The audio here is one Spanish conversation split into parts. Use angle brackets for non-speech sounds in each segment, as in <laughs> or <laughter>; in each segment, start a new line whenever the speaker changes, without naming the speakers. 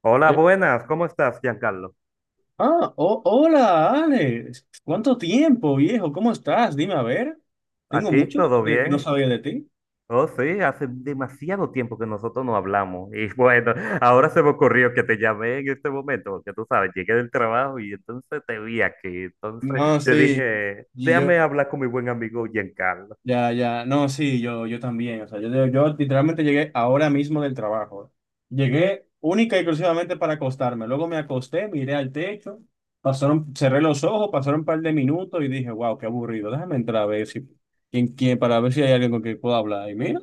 Hola,
Eh,
buenas, ¿cómo estás, Giancarlo?
hola, Alex. ¿Cuánto tiempo, viejo? ¿Cómo estás? Dime, a ver. Tengo
Aquí
mucho que
todo
no
bien.
sabía de ti.
Oh, sí, hace demasiado tiempo que nosotros no hablamos. Y <laughs> bueno, ahora se me ocurrió que te llamé en este momento, porque tú sabes, llegué del trabajo y entonces te vi aquí. Entonces
No,
yo
sí,
dije,
y yo.
déjame hablar con mi buen amigo Giancarlo.
Ya, ya, no, sí, yo también, o sea, yo literalmente llegué ahora mismo del trabajo. Llegué única y exclusivamente para acostarme, luego me acosté, miré al techo, pasaron, cerré los ojos, pasaron un par de minutos y dije, wow, qué aburrido, déjame entrar a ver si, para ver si hay alguien con quien pueda hablar. Y mira,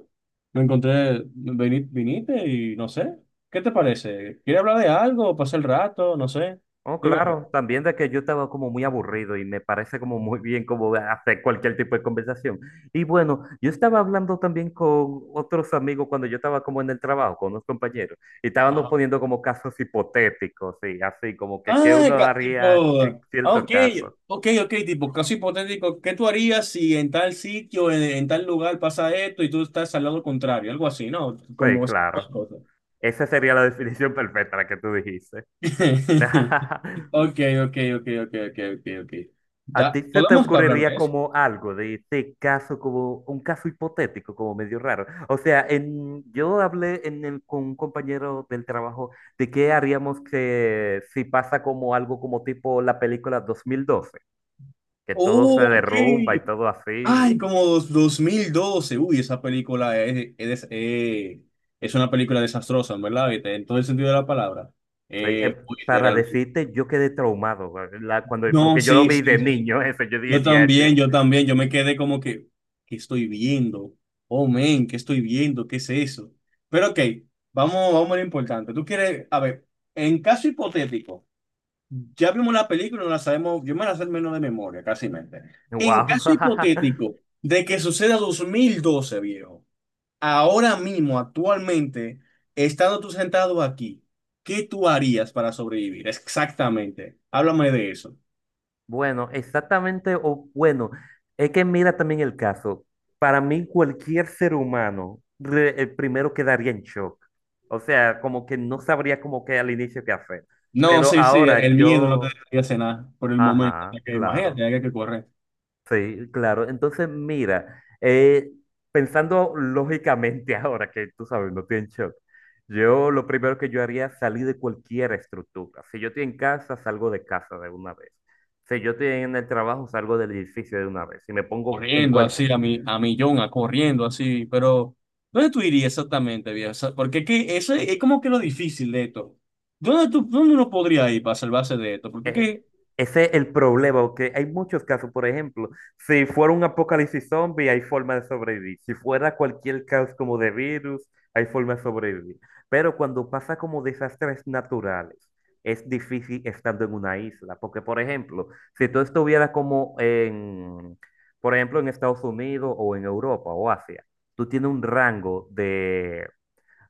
me encontré, viniste y no sé, ¿qué te parece? ¿Quieres hablar de algo? ¿Pasar el rato? No sé,
Oh,
dime, a
claro, también de que yo estaba como muy aburrido y me parece como muy bien como hacer cualquier tipo de conversación. Y bueno, yo estaba hablando también con otros amigos cuando yo estaba como en el trabajo, con unos compañeros, y estábamos
ver.
poniendo como casos hipotéticos, y así como que qué uno
Tipo,
haría en cierto
ok,
caso.
ok, tipo, caso hipotético, ¿qué tú harías si en tal sitio, en tal lugar pasa esto y tú estás al lado contrario? Algo así, ¿no?
Sí,
Como esas
claro.
cosas.
Esa sería la <laughs> definición perfecta, la que tú dijiste.
<laughs>
<laughs>
Ok, ok.
¿A ti se te
¿Podemos hablar
ocurriría
de eso?
como algo de este caso, como un caso hipotético, como medio raro? O sea, en, yo hablé en con un compañero del trabajo de qué haríamos que, si pasa como algo como tipo la película 2012, que todo se
Oh, ok.
derrumba y todo así.
Ay, 2012. Uy, esa película es una película desastrosa, ¿verdad? En todo el sentido de la palabra.
Sí,
Uy,
para
realmente.
decirte, yo quedé traumado, güey, cuando,
No,
porque yo lo
sí,
vi de
sí, sí.
niño, <laughs> eso, yo dije,
Yo
diache,
también, yo también, yo me quedé como que, ¿qué estoy viendo? Oh, men, ¿qué estoy viendo? ¿Qué es eso? Pero ok, vamos a lo importante. Tú quieres, a ver, en caso hipotético, ya vimos la película, no la sabemos, yo me la sé menos de memoria, casi mente. En caso
wow. <laughs>
hipotético de que suceda 2012, viejo, ahora mismo, actualmente, estando tú sentado aquí, ¿qué tú harías para sobrevivir? Exactamente, háblame de eso.
Bueno, exactamente, o bueno, es que mira también el caso. Para mí, cualquier ser humano, el primero quedaría en shock. O sea, como que no sabría como que al inicio qué hacer.
No,
Pero
sí, sí,
ahora
el miedo no te
yo,
dejaría cenar por el momento.
ajá,
Porque imagínate,
claro.
hay que correr,
Sí, claro. Entonces, mira, pensando lógicamente <laughs> ahora que tú sabes, no estoy en shock, yo lo primero que yo haría es salir de cualquier estructura. Si yo estoy en casa, salgo de casa de una vez. Si yo estoy en el trabajo, salgo del edificio de una vez. Si me pongo en
corriendo
cualquier
así a mi, a millón, a corriendo así. Pero, ¿dónde tú irías exactamente, viejo? O sea, porque que eso es como que lo difícil de esto. ¿Dónde tú, dónde uno podría ir para salvarse de esto? Porque
Eh,
que
ese es el problema, porque hay muchos casos, por ejemplo, si fuera un apocalipsis zombie, hay forma de sobrevivir. Si fuera cualquier caos como de virus, hay forma de sobrevivir. Pero cuando pasa como desastres naturales, es difícil estando en una isla, porque, por ejemplo, si tú estuvieras como en, por ejemplo, en Estados Unidos o en Europa o Asia, tú tienes un rango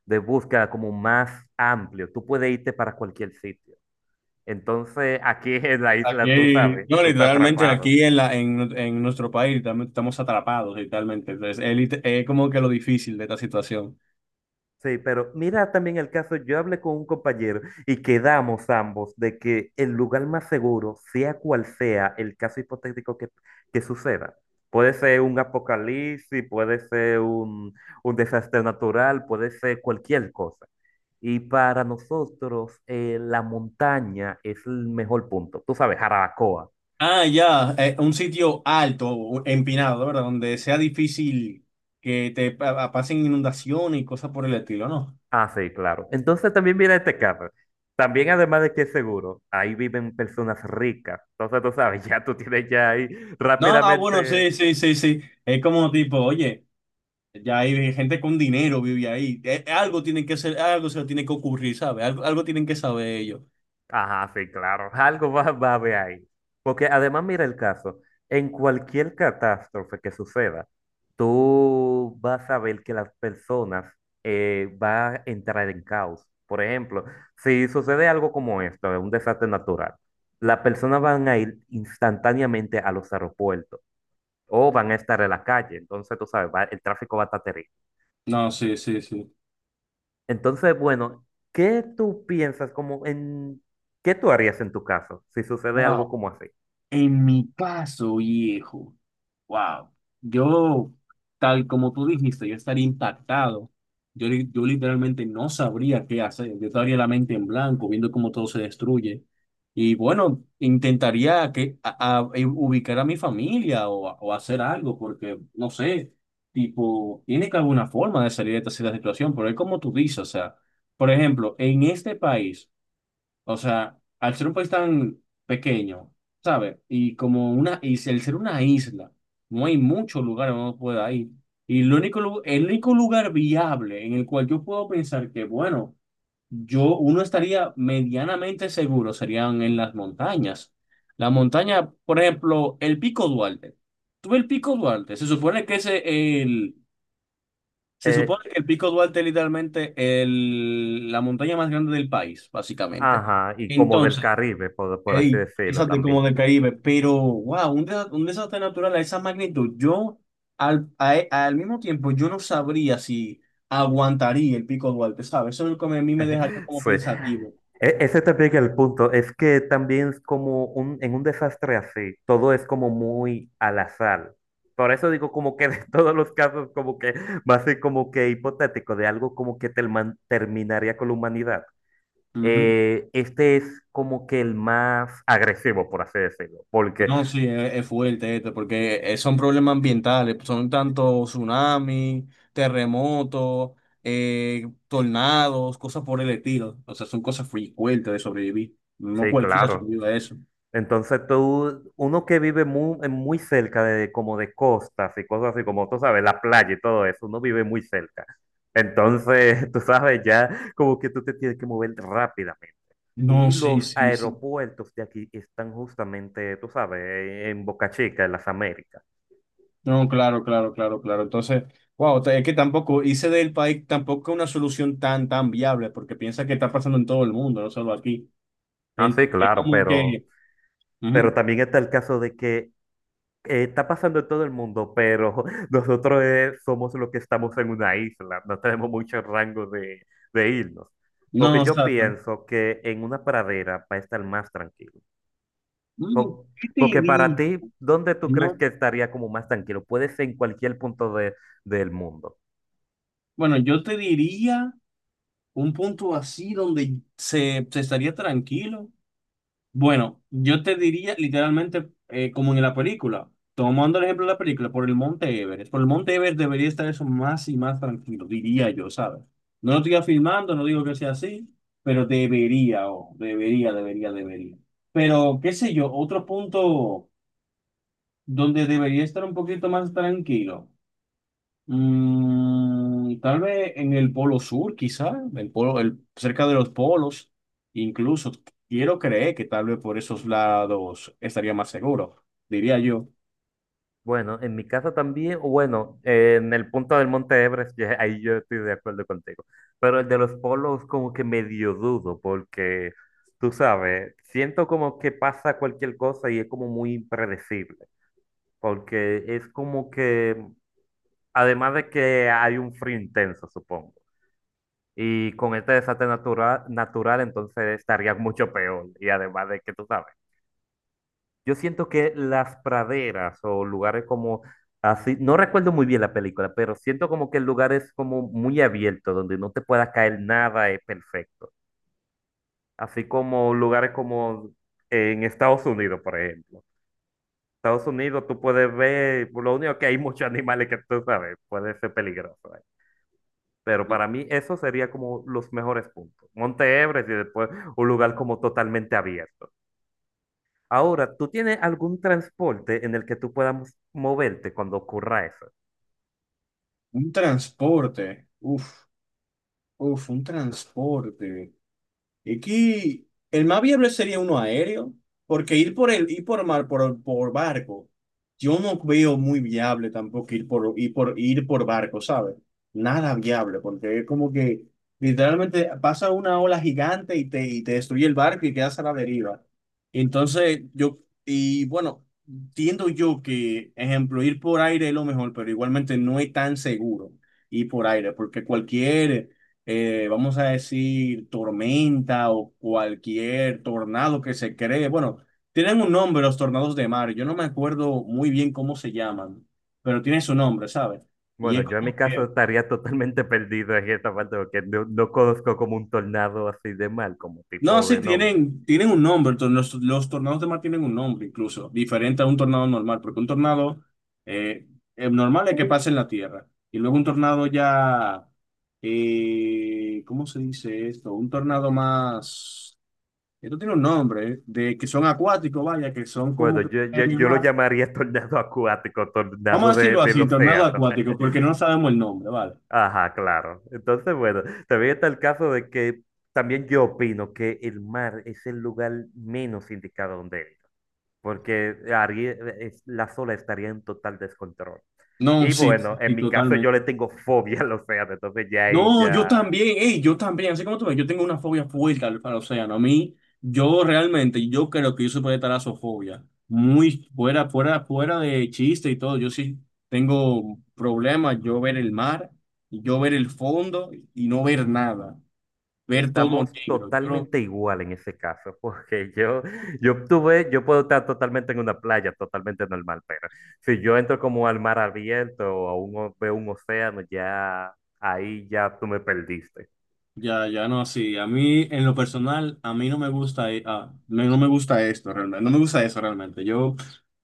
de búsqueda como más amplio, tú puedes irte para cualquier sitio. Entonces, aquí <laughs> en la isla, tú
aquí,
sabes,
no,
tú estás
literalmente
atrapado.
aquí en la, en nuestro país literalmente estamos atrapados, literalmente. Entonces, es, es como que lo difícil de esta situación.
Sí, pero mira también el caso, yo hablé con un compañero y quedamos ambos de que el lugar más seguro, sea cual sea el caso hipotético que suceda, puede ser un apocalipsis, puede ser un desastre natural, puede ser cualquier cosa. Y para nosotros, la montaña es el mejor punto. Tú sabes, Jarabacoa.
Ah, ya, un sitio alto, o empinado, ¿verdad? Donde sea difícil que te pasen inundaciones y cosas por el estilo, ¿no?
Ah, sí, claro. Entonces también mira este caso. También además de que es seguro, ahí viven personas ricas. Entonces tú sabes, <laughs> ya tú tienes ya ahí
No, no, bueno,
rápidamente.
sí, sí, sí, sí. Es como tipo, oye, ya hay gente con dinero vive ahí. Algo tienen que ser, algo se le tiene que ocurrir, ¿sabes? Algo, algo tienen que saber ellos.
Ajá, sí, claro. Algo va, va a haber ahí. Porque además mira el caso. En cualquier catástrofe que suceda, tú vas a ver que las personas van a entrar en caos. Por ejemplo, si sucede algo como esto, un desastre natural, las personas van a ir instantáneamente a los aeropuertos o van a estar en la calle. Entonces, tú sabes, el tráfico va a estar terrible.
No, sí, sí, sí.
Entonces, bueno, ¿qué tú piensas como en qué tú harías en tu caso si sucede algo
Wow.
como así?
En mi caso, viejo, wow, yo, tal como tú dijiste, yo estaría impactado. Yo, yo literalmente no sabría qué hacer. Yo estaría la mente en blanco, viendo cómo todo se destruye. Y bueno, intentaría que, ubicar a mi familia o, o hacer algo, porque no sé, tipo, tiene que haber una forma de salir de esta situación, pero es como tú dices, o sea, por ejemplo, en este país. O sea, al ser un país tan pequeño, ¿sabes? Y como una, y si al ser una isla, no hay muchos lugares donde uno pueda ir. Y el único, el único lugar viable en el cual yo puedo pensar que, bueno, yo, uno estaría medianamente seguro serían en las montañas. La montaña, por ejemplo, el Pico Duarte. Tú ves el Pico Duarte, se supone que ese, el, se
Eh,
supone que el Pico Duarte es literalmente el, la montaña más grande del país, básicamente.
ajá, y como del
Entonces,
Caribe, por así
ey,
decirlo
quizás como
también.
del Caribe, pero wow, un, un desastre natural a esa magnitud. Yo, al mismo tiempo, yo no sabría si aguantaría el Pico Duarte, ¿sabes? Eso es lo que a mí me dejaría
<laughs>
como
Sí.
pensativo.
E- Ese también es el punto, es que también es como un, en un desastre así, todo es como muy al azar. Por eso digo como que de <laughs> todos los casos como que va a ser como que hipotético de algo como que terminaría con la humanidad.
Ujú.
Este es como que el más agresivo, por así decirlo, porque
No, sí, es fuerte esto, porque son problemas ambientales, son tanto tsunamis, terremotos, tornados, cosas por el estilo. O sea, son cosas muy fuertes de sobrevivir. No
sí,
cualquiera
claro.
sobrevive a eso.
Entonces tú, uno que vive muy, muy cerca de como de costas y cosas así, como tú sabes, la playa y todo eso, uno vive muy cerca. Entonces, <laughs> tú sabes, ya como que tú te tienes que mover rápidamente.
No,
Y
sí,
los
sí, sí.
aeropuertos de aquí están justamente, tú sabes, en Boca Chica, en las Américas.
No, claro, claro, claro, claro. Entonces, wow, es que tampoco hice del país tampoco una solución tan, tan viable, porque piensa que está pasando en todo el mundo, no solo aquí.
Ah, sí,
Es
claro,
como que,
pero
ujú.
también está el caso de que está pasando en todo el mundo, pero <laughs> nosotros somos los que estamos en una isla, no tenemos mucho rango de irnos.
No,
Porque
no,
yo
exacto.
pienso que en una pradera va a estar más tranquilo.
Mm,
Po-
¿qué te
Porque para
di?
ti, ¿dónde tú crees
No.
que estaría como más tranquilo? Puede ser en cualquier del mundo.
Bueno, yo te diría un punto así donde se estaría tranquilo. Bueno, yo te diría literalmente como en la película, tomando el ejemplo de la película, por el Monte Everest. Por el Monte Everest debería estar eso más y más tranquilo, diría yo, ¿sabes? No lo estoy afirmando, no digo que sea así, pero debería, o debería, debería, debería. Pero qué sé yo, otro punto donde debería estar un poquito más tranquilo. Mm, tal vez en el polo sur, quizá, el polo, el, cerca de los polos, incluso quiero creer que tal vez por esos lados estaría más seguro, diría yo.
Bueno, en mi caso también, o bueno, en el punto del Monte Everest, ahí yo estoy de acuerdo contigo. Pero el de los polos como que medio dudo, porque tú sabes, siento como que pasa cualquier cosa y es como muy impredecible, porque es como que, además de que hay un frío intenso, supongo, y con este desastre natural entonces estaría mucho peor, y además de que tú sabes. Yo siento que las praderas o lugares como así, no recuerdo muy bien la película, pero siento como que el lugar es como muy abierto, donde no te pueda caer nada, es perfecto. Así como lugares como en Estados Unidos, por ejemplo. Estados Unidos tú puedes ver, lo único que hay <laughs> muchos animales que tú sabes, puede ser peligroso. ¿Eh? Pero para mí eso sería como los mejores puntos. Monte Everest y después un lugar como totalmente abierto. Ahora, ¿tú tienes algún transporte en el que tú puedas moverte cuando ocurra eso?
Un transporte, uff, uff, un transporte. Es que el más viable sería uno aéreo, porque ir por el, ir por mar, por barco, yo no veo muy viable tampoco ir por, ir por, ir por barco, ¿sabes? Nada viable, porque es como que literalmente pasa una ola gigante y te destruye el barco y quedas a la deriva. Entonces, yo, y bueno, entiendo yo que, ejemplo, ir por aire es lo mejor, pero igualmente no es tan seguro ir por aire, porque cualquier vamos a decir, tormenta o cualquier tornado que se cree. Bueno, tienen un nombre los tornados de mar. Yo no me acuerdo muy bien cómo se llaman, pero tiene su nombre, ¿sabes? Y
Bueno,
es
yo en mi
como que...
caso estaría totalmente <laughs> perdido en esta parte porque no, no conozco como un tornado así de mal, como
No,
tipo
sí,
de nombre.
tienen, tienen un nombre. Los tornados de mar tienen un nombre incluso, diferente a un tornado normal, porque un tornado eh, normal es que pasa en la tierra. Y luego un tornado ya... ¿cómo se dice esto? Un tornado más... Esto tiene un nombre, ¿eh? De que son acuáticos, vaya, que son como
Bueno,
que en el
yo lo
mar.
llamaría <laughs> tornado acuático,
Vamos
tornado
a
de,
decirlo
del
así, tornado
océano.
acuático, porque
<laughs>
no sabemos el nombre, ¿vale?
Ajá, claro. Entonces, bueno, también está el caso de que también yo opino que el mar es el lugar menos indicado donde ir, porque las olas estarían en total descontrol.
No,
Y
sí,
bueno, en
sí,
mi caso yo
totalmente.
le tengo fobia al océano, entonces ya ahí
No, yo
ya
también, ey, yo también, así como tú ves, yo tengo una fobia fuerte al, al océano. A mí, yo realmente, yo creo que yo soy de talasofobia. Muy fuera, fuera, fuera de chiste y todo. Yo sí tengo problemas, yo ver el mar, yo ver el fondo y no ver nada, ver todo
estamos
negro. Yo, no.
totalmente igual en ese caso, <laughs> porque yo obtuve, yo puedo estar totalmente en una playa, totalmente normal, pero si yo entro como al mar abierto o veo un océano, ya ahí ya tú me perdiste.
Ya, ya no, sí. A mí, en lo personal, a mí no me gusta, no, no me gusta esto realmente. No me gusta eso realmente. Yo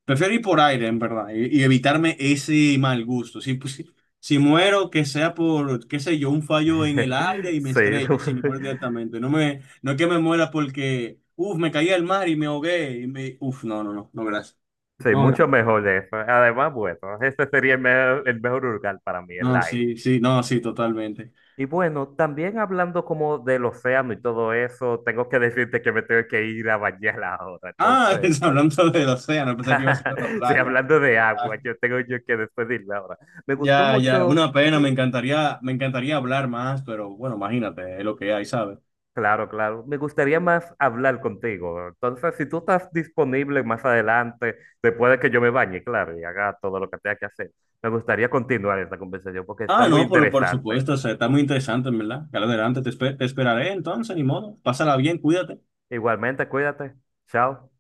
prefiero ir por aire, en verdad, y evitarme ese mal gusto. Si, pues, si, si muero, que sea por, qué sé yo, un fallo en el aire
<laughs>
y me
Sí,
estrelle,
<laughs>
si me muero directamente. No me, no es que me muera porque, uff, me caí al mar y me ahogué. Y me, uff, no, no, no, no, gracias.
sí,
No,
mucho
gracias.
mejor eso. Además, bueno, ese sería el mejor lugar para mí, el
No,
aire.
sí, sí, no, sí, totalmente.
Y bueno, también hablando como del océano y todo eso, tengo que <laughs> decirte que me tengo que ir a bañar ahora.
Ah,
Entonces,
<laughs> hablando del océano, pensé que iba a ser la
<laughs> sí,
playa.
hablando de
Ah.
agua, yo tengo yo que despedirme ahora. Me gustó
Ya, ya,
mucho,
una pena, me encantaría hablar más, pero bueno, imagínate, es lo que hay, ¿sabes?
claro, claro, me gustaría más hablar contigo. Entonces, si tú estás disponible más adelante, después de que yo me bañe, claro, y haga todo lo que tenga que hacer, me gustaría continuar esta conversación porque está
Ah,
muy
no, pero por
interesante.
supuesto, o sea, está muy interesante, ¿en verdad? Claro, adelante, te, te esperaré entonces, ni modo. Pásala bien, cuídate.
Igualmente, cuídate. Chao.